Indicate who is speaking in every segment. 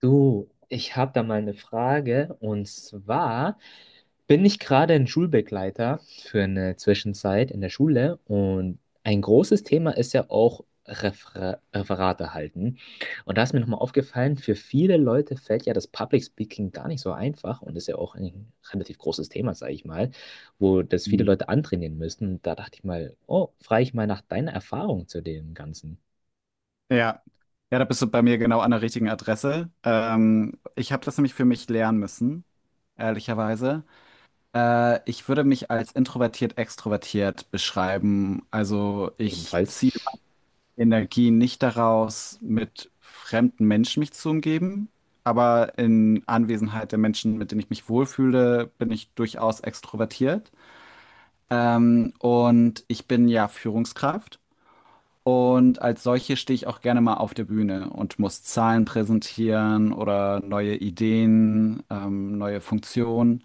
Speaker 1: Du, ich habe da mal eine Frage. Und zwar bin ich gerade ein Schulbegleiter für eine Zwischenzeit in der Schule. Und ein großes Thema ist ja auch Referate halten. Und da ist mir nochmal aufgefallen, für viele Leute fällt ja das Public Speaking gar nicht so einfach. Und ist ja auch ein relativ großes Thema, sage ich mal, wo das viele
Speaker 2: Mhm.
Speaker 1: Leute antrainieren müssen. Und da dachte ich mal, oh, frage ich mal nach deiner Erfahrung zu dem Ganzen
Speaker 2: Ja. Ja, da bist du bei mir genau an der richtigen Adresse. Ich habe das nämlich für mich lernen müssen, ehrlicherweise. Ich würde mich als introvertiert extrovertiert beschreiben. Also ich
Speaker 1: ebenfalls.
Speaker 2: ziehe meine Energie nicht daraus, mit fremden Menschen mich zu umgeben, aber in Anwesenheit der Menschen, mit denen ich mich wohlfühle, bin ich durchaus extrovertiert. Und ich bin ja Führungskraft. Und als solche stehe ich auch gerne mal auf der Bühne und muss Zahlen präsentieren oder neue Ideen, neue Funktionen.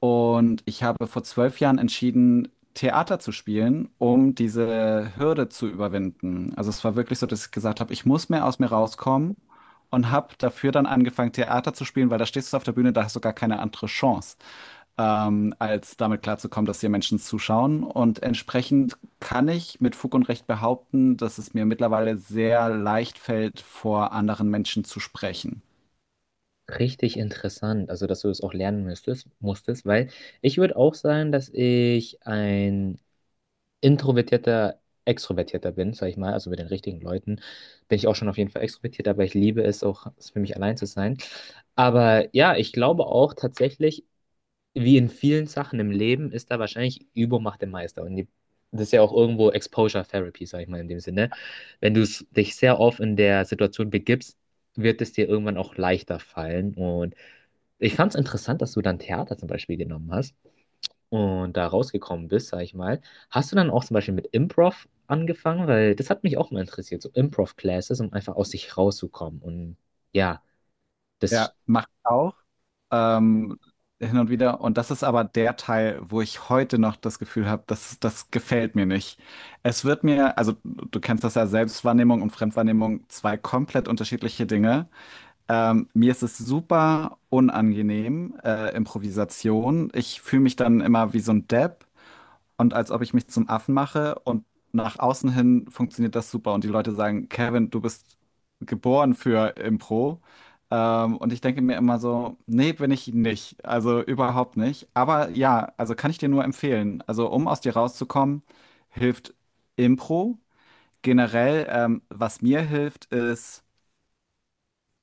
Speaker 2: Und ich habe vor 12 Jahren entschieden, Theater zu spielen, um diese Hürde zu überwinden. Also es war wirklich so, dass ich gesagt habe, ich muss mehr aus mir rauskommen und habe dafür dann angefangen, Theater zu spielen, weil da stehst du auf der Bühne, da hast du gar keine andere Chance als damit klarzukommen, dass hier Menschen zuschauen. Und entsprechend kann ich mit Fug und Recht behaupten, dass es mir mittlerweile sehr leicht fällt, vor anderen Menschen zu sprechen.
Speaker 1: Richtig interessant, also dass du das auch lernen musstest, weil ich würde auch sagen, dass ich ein introvertierter Extrovertierter bin, sag ich mal, also mit den richtigen Leuten bin ich auch schon auf jeden Fall extrovertiert, aber ich liebe es auch, es für mich allein zu sein. Aber ja, ich glaube auch tatsächlich, wie in vielen Sachen im Leben ist da wahrscheinlich Übung macht den Meister. Das ist ja auch irgendwo Exposure Therapy, sag ich mal in dem Sinne. Wenn du dich sehr oft in der Situation begibst, wird es dir irgendwann auch leichter fallen. Und ich fand es interessant, dass du dann Theater zum Beispiel genommen hast und da rausgekommen bist, sag ich mal. Hast du dann auch zum Beispiel mit Improv angefangen? Weil das hat mich auch mal interessiert, so Improv-Classes, um einfach aus sich rauszukommen. Und ja,
Speaker 2: Ja.
Speaker 1: das
Speaker 2: Macht auch ähm, hin und wieder. Und das ist aber der Teil, wo ich heute noch das Gefühl habe, dass das gefällt mir nicht. Es wird mir, also du kennst das ja, Selbstwahrnehmung und Fremdwahrnehmung, zwei komplett unterschiedliche Dinge. Mir ist es super unangenehm, Improvisation. Ich fühle mich dann immer wie so ein Depp und als ob ich mich zum Affen mache und nach außen hin funktioniert das super und die Leute sagen, Kevin, du bist geboren für Impro. Und ich denke mir immer so, nee, bin ich nicht. Also überhaupt nicht. Aber ja, also kann ich dir nur empfehlen. Also um aus dir rauszukommen, hilft Impro. Generell, was mir hilft, ist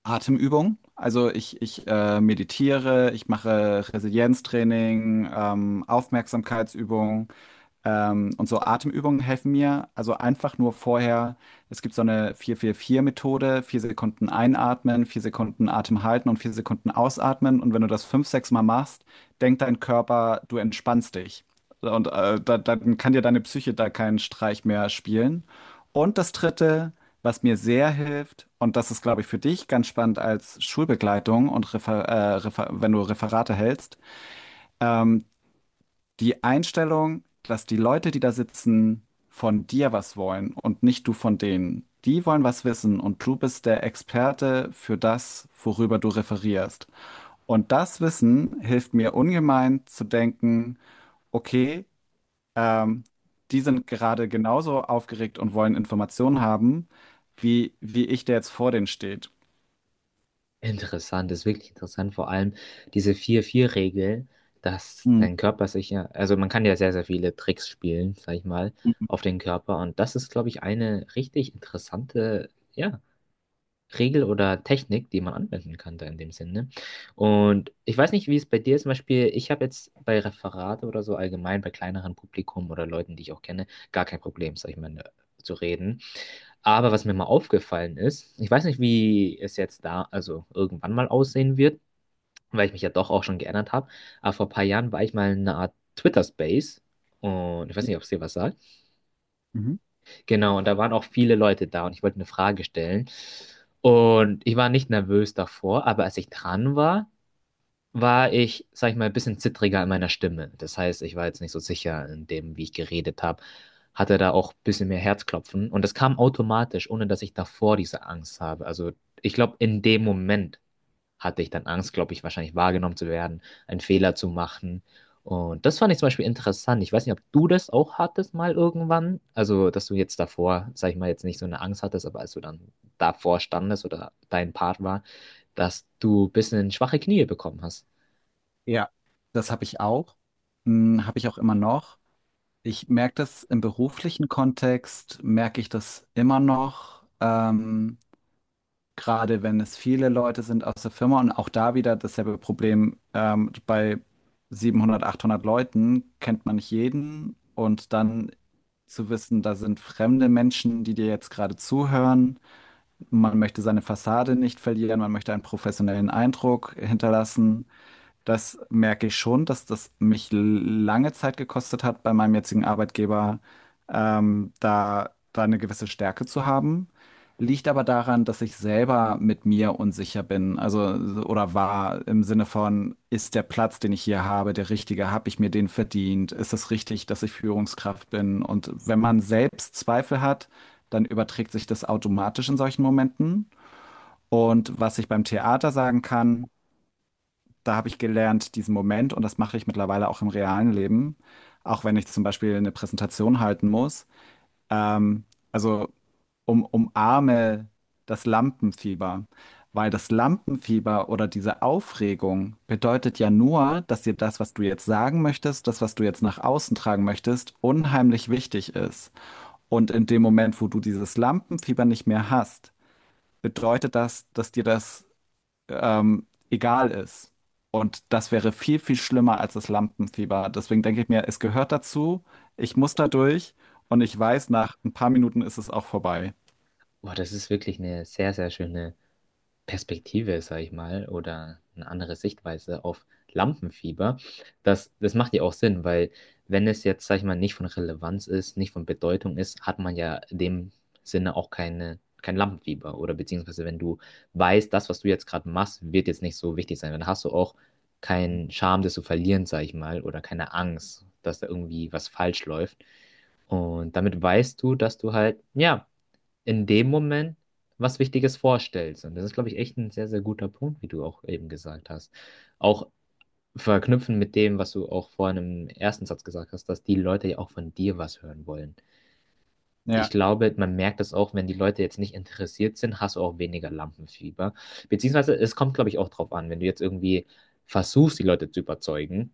Speaker 2: Atemübung. Also ich meditiere, ich mache Resilienztraining, Aufmerksamkeitsübungen. Und so Atemübungen helfen mir. Also einfach nur vorher, es gibt so eine vier vier vier methode vier Sekunden einatmen, vier Sekunden Atem halten und vier Sekunden ausatmen. Und wenn du das fünf, sechs Mal machst, denkt dein Körper, du entspannst dich. So. Und dann kann dir deine Psyche da keinen Streich mehr spielen. Und das Dritte, was mir sehr hilft, und das ist, glaube ich, für dich ganz spannend als Schulbegleitung und Refer Refer wenn du Referate hältst, ähm, die Einstellung, dass die Leute, die da sitzen, von dir was wollen und nicht du von denen. Die wollen was wissen und du bist der Experte für das, worüber du referierst. Und das Wissen hilft mir ungemein zu denken, okay, ähm, die sind gerade genauso aufgeregt und wollen Informationen haben, wie ich, der jetzt vor denen steht.
Speaker 1: Interessant, das ist wirklich interessant, vor allem diese vier vier Regel, dass
Speaker 2: Mhm.
Speaker 1: dein Körper sich ja, also man kann ja sehr, sehr viele Tricks spielen, sag ich mal, auf den Körper und das ist, glaube ich, eine richtig interessante, ja, Regel oder Technik, die man anwenden kann da in dem Sinne. Und ich weiß nicht, wie es bei dir ist. Zum Beispiel, ich habe jetzt bei Referate oder so allgemein, bei kleineren Publikum oder Leuten, die ich auch kenne, gar kein Problem, sag ich mal, ne, zu reden. Aber was mir mal aufgefallen ist, ich weiß nicht, wie es jetzt da, also irgendwann mal aussehen wird, weil ich mich ja doch auch schon geändert habe. Aber vor ein paar Jahren war ich mal in einer Art Twitter-Space. Und ich weiß nicht, ob es dir was sagt.
Speaker 2: Mhm.
Speaker 1: Genau, und da waren auch viele Leute da und ich wollte eine Frage stellen. Und ich war nicht nervös davor, aber als ich dran war, war ich, sag ich mal, ein bisschen zittriger in meiner Stimme. Das heißt, ich war jetzt nicht so sicher in dem, wie ich geredet habe, hatte da auch ein bisschen mehr Herzklopfen. Und das kam automatisch, ohne dass ich davor diese Angst habe. Also ich glaube, in dem Moment hatte ich dann Angst, glaube ich, wahrscheinlich wahrgenommen zu werden, einen Fehler zu machen. Und das fand ich zum Beispiel interessant. Ich weiß nicht, ob du das auch hattest mal irgendwann. Also, dass du jetzt davor, sag ich mal, jetzt nicht so eine Angst hattest, aber als du dann davor standest oder dein Part war, dass du ein bisschen schwache Knie bekommen hast.
Speaker 2: Ja, das habe ich auch. Hm, habe ich auch immer noch. Ich merke das im beruflichen Kontext, merke ich das immer noch, gerade wenn es viele Leute sind aus der Firma und auch da wieder dasselbe Problem. Bei 700, 800 Leuten kennt man nicht jeden und dann zu wissen, da sind fremde Menschen, die dir jetzt gerade zuhören. Man möchte seine Fassade nicht verlieren, man möchte einen professionellen Eindruck hinterlassen, das merke ich schon, dass das mich lange Zeit gekostet hat, bei meinem jetzigen Arbeitgeber, da eine gewisse Stärke zu haben. Liegt aber daran, dass ich selber mit mir unsicher bin, also oder war im Sinne von, ist der Platz, den ich hier habe, der richtige? Habe ich mir den verdient? Ist es richtig, dass ich Führungskraft bin? Und wenn man selbst Zweifel hat, dann überträgt sich das automatisch in solchen Momenten. Und was ich beim Theater sagen kann, da habe ich gelernt, diesen Moment, und das mache ich mittlerweile auch im realen Leben, auch wenn ich zum Beispiel eine Präsentation halten muss, ähm, also umarme das Lampenfieber. Weil das Lampenfieber oder diese Aufregung bedeutet ja nur, dass dir das, was du jetzt sagen möchtest, das, was du jetzt nach außen tragen möchtest, unheimlich wichtig ist. Und in dem Moment, wo du dieses Lampenfieber nicht mehr hast, bedeutet das, dass dir das egal ist. Und das wäre viel, viel schlimmer als das Lampenfieber. Deswegen denke ich mir, es gehört dazu, ich muss da durch und ich weiß, nach ein paar Minuten ist es auch vorbei.
Speaker 1: Boah, das ist wirklich eine sehr, sehr schöne Perspektive, sage ich mal, oder eine andere Sichtweise auf Lampenfieber. Das, das macht ja auch Sinn, weil wenn es jetzt, sage ich mal, nicht von Relevanz ist, nicht von Bedeutung ist, hat man ja in dem Sinne auch keine, kein Lampenfieber. Oder beziehungsweise wenn du weißt, das, was du jetzt gerade machst, wird jetzt nicht so wichtig sein, dann hast du auch keinen Charme, das zu verlieren, sage ich mal, oder keine Angst, dass da irgendwie was falsch läuft. Und damit weißt du, dass du halt, ja, in dem Moment was Wichtiges vorstellst. Und das ist, glaube ich, echt ein sehr, sehr guter Punkt, wie du auch eben gesagt hast. Auch verknüpfen mit dem, was du auch vorhin im ersten Satz gesagt hast, dass die Leute ja auch von dir was hören wollen. Ich
Speaker 2: Ja,
Speaker 1: glaube, man merkt das auch, wenn die Leute jetzt nicht interessiert sind, hast du auch weniger Lampenfieber. Beziehungsweise es kommt, glaube ich, auch drauf an, wenn du jetzt irgendwie versuchst, die Leute zu überzeugen,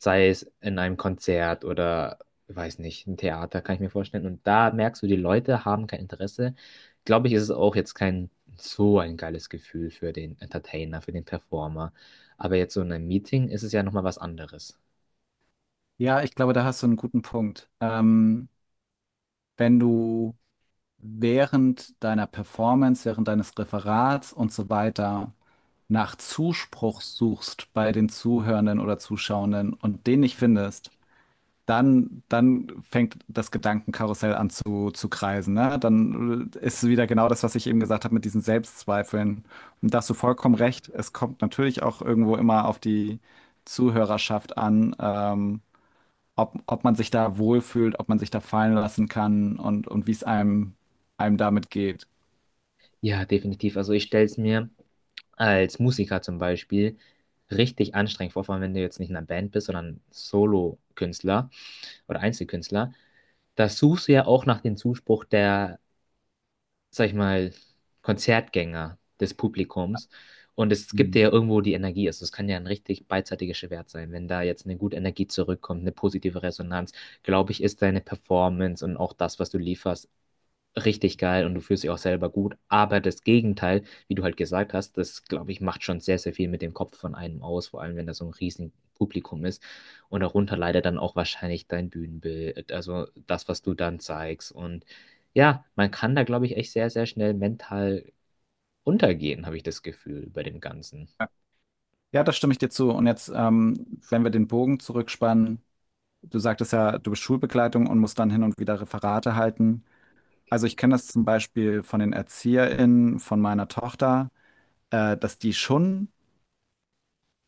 Speaker 1: sei es in einem Konzert oder, weiß nicht, ein Theater, kann ich mir vorstellen. Und da merkst du, die Leute haben kein Interesse. Glaube ich, ist es auch jetzt kein so ein geiles Gefühl für den Entertainer, für den Performer. Aber jetzt so in einem Meeting ist es ja nochmal was anderes.
Speaker 2: ja, ich glaube, da hast du einen guten Punkt. Wenn du während deiner Performance, während deines Referats und so weiter nach Zuspruch suchst bei den Zuhörenden oder Zuschauenden und den nicht findest, dann fängt das Gedankenkarussell an zu kreisen, ne? Dann ist wieder genau das, was ich eben gesagt habe mit diesen Selbstzweifeln. Und da hast du vollkommen recht. Es kommt natürlich auch irgendwo immer auf die Zuhörerschaft an, ob man sich da wohlfühlt, ob man sich da fallen lassen kann und wie es einem damit geht.
Speaker 1: Ja, definitiv. Also ich stelle es mir als Musiker zum Beispiel richtig anstrengend vor, vor allem wenn du jetzt nicht in einer Band bist, sondern Solo-Künstler oder Einzelkünstler. Da suchst du ja auch nach dem Zuspruch der, sag ich mal, Konzertgänger, des Publikums. Und es gibt
Speaker 2: Mhm.
Speaker 1: dir ja irgendwo die Energie. Also es kann ja ein richtig beidseitiges Schwert sein. Wenn da jetzt eine gute Energie zurückkommt, eine positive Resonanz, glaube ich, ist deine Performance und auch das, was du lieferst, richtig geil und du fühlst dich auch selber gut. Aber das Gegenteil, wie du halt gesagt hast, das, glaube ich, macht schon sehr, sehr viel mit dem Kopf von einem aus, vor allem wenn da so ein riesen Publikum ist. Und darunter leider dann auch wahrscheinlich dein Bühnenbild, also das, was du dann zeigst. Und ja, man kann da, glaube ich, echt sehr, sehr schnell mental untergehen, habe ich das Gefühl bei dem Ganzen.
Speaker 2: Ja, da stimme ich dir zu. Und jetzt, wenn wir den Bogen zurückspannen, du sagtest ja, du bist Schulbegleitung und musst dann hin und wieder Referate halten. Also ich kenne das zum Beispiel von den ErzieherInnen von meiner Tochter, dass die schon,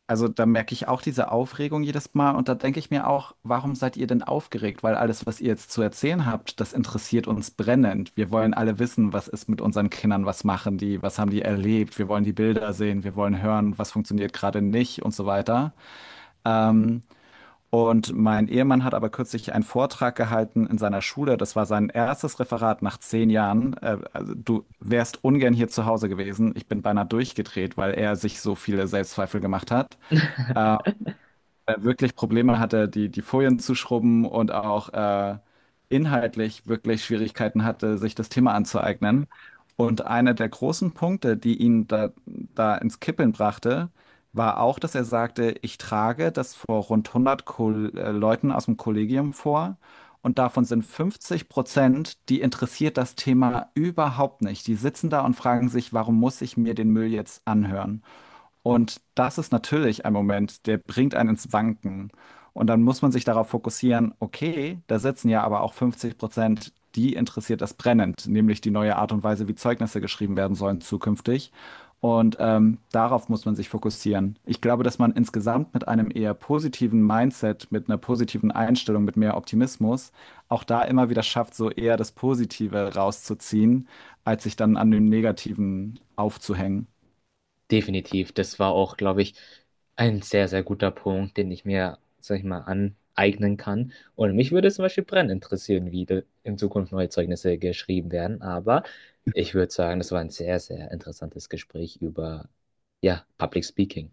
Speaker 2: also da merke ich auch diese Aufregung jedes Mal und da denke ich mir auch, warum seid ihr denn aufgeregt? Weil alles, was ihr jetzt zu erzählen habt, das interessiert uns brennend. Wir wollen alle wissen, was ist mit unseren Kindern, was machen die, was haben die erlebt, wir wollen die Bilder sehen, wir wollen hören, was funktioniert gerade nicht und so weiter. Ähm, und mein Ehemann hat aber kürzlich einen Vortrag gehalten in seiner Schule. Das war sein erstes Referat nach 10 Jahren. Also du wärst ungern hier zu Hause gewesen. Ich bin beinahe durchgedreht, weil er sich so viele Selbstzweifel gemacht hat. Ähm, Wirklich Probleme hatte, die Folien zu schrubben und auch inhaltlich wirklich Schwierigkeiten hatte, sich das Thema anzueignen. Und einer der großen Punkte, die ihn da ins Kippeln brachte, war auch, dass er sagte, ich trage das vor rund 100 Ko Leuten aus dem Kollegium vor. Und davon sind 50%, die interessiert das Thema überhaupt nicht. Die sitzen da und fragen sich, warum muss ich mir den Müll jetzt anhören? Und das ist natürlich ein Moment, der bringt einen ins Wanken. Und dann muss man sich darauf fokussieren, okay, da sitzen ja aber auch 50%, die interessiert das brennend, nämlich die neue Art und Weise, wie Zeugnisse geschrieben werden sollen zukünftig. Und darauf muss man sich fokussieren. Ich glaube, dass man insgesamt mit einem eher positiven Mindset, mit einer positiven Einstellung, mit mehr Optimismus, auch da immer wieder schafft, so eher das Positive rauszuziehen, als sich dann an dem Negativen aufzuhängen.
Speaker 1: Definitiv. Das war auch, glaube ich, ein sehr, sehr guter Punkt, den ich mir, sag ich mal, aneignen kann. Und mich würde zum Beispiel brennend interessieren, wie in Zukunft neue Zeugnisse geschrieben werden. Aber ich würde sagen, das war ein sehr, sehr interessantes Gespräch über, ja, Public Speaking.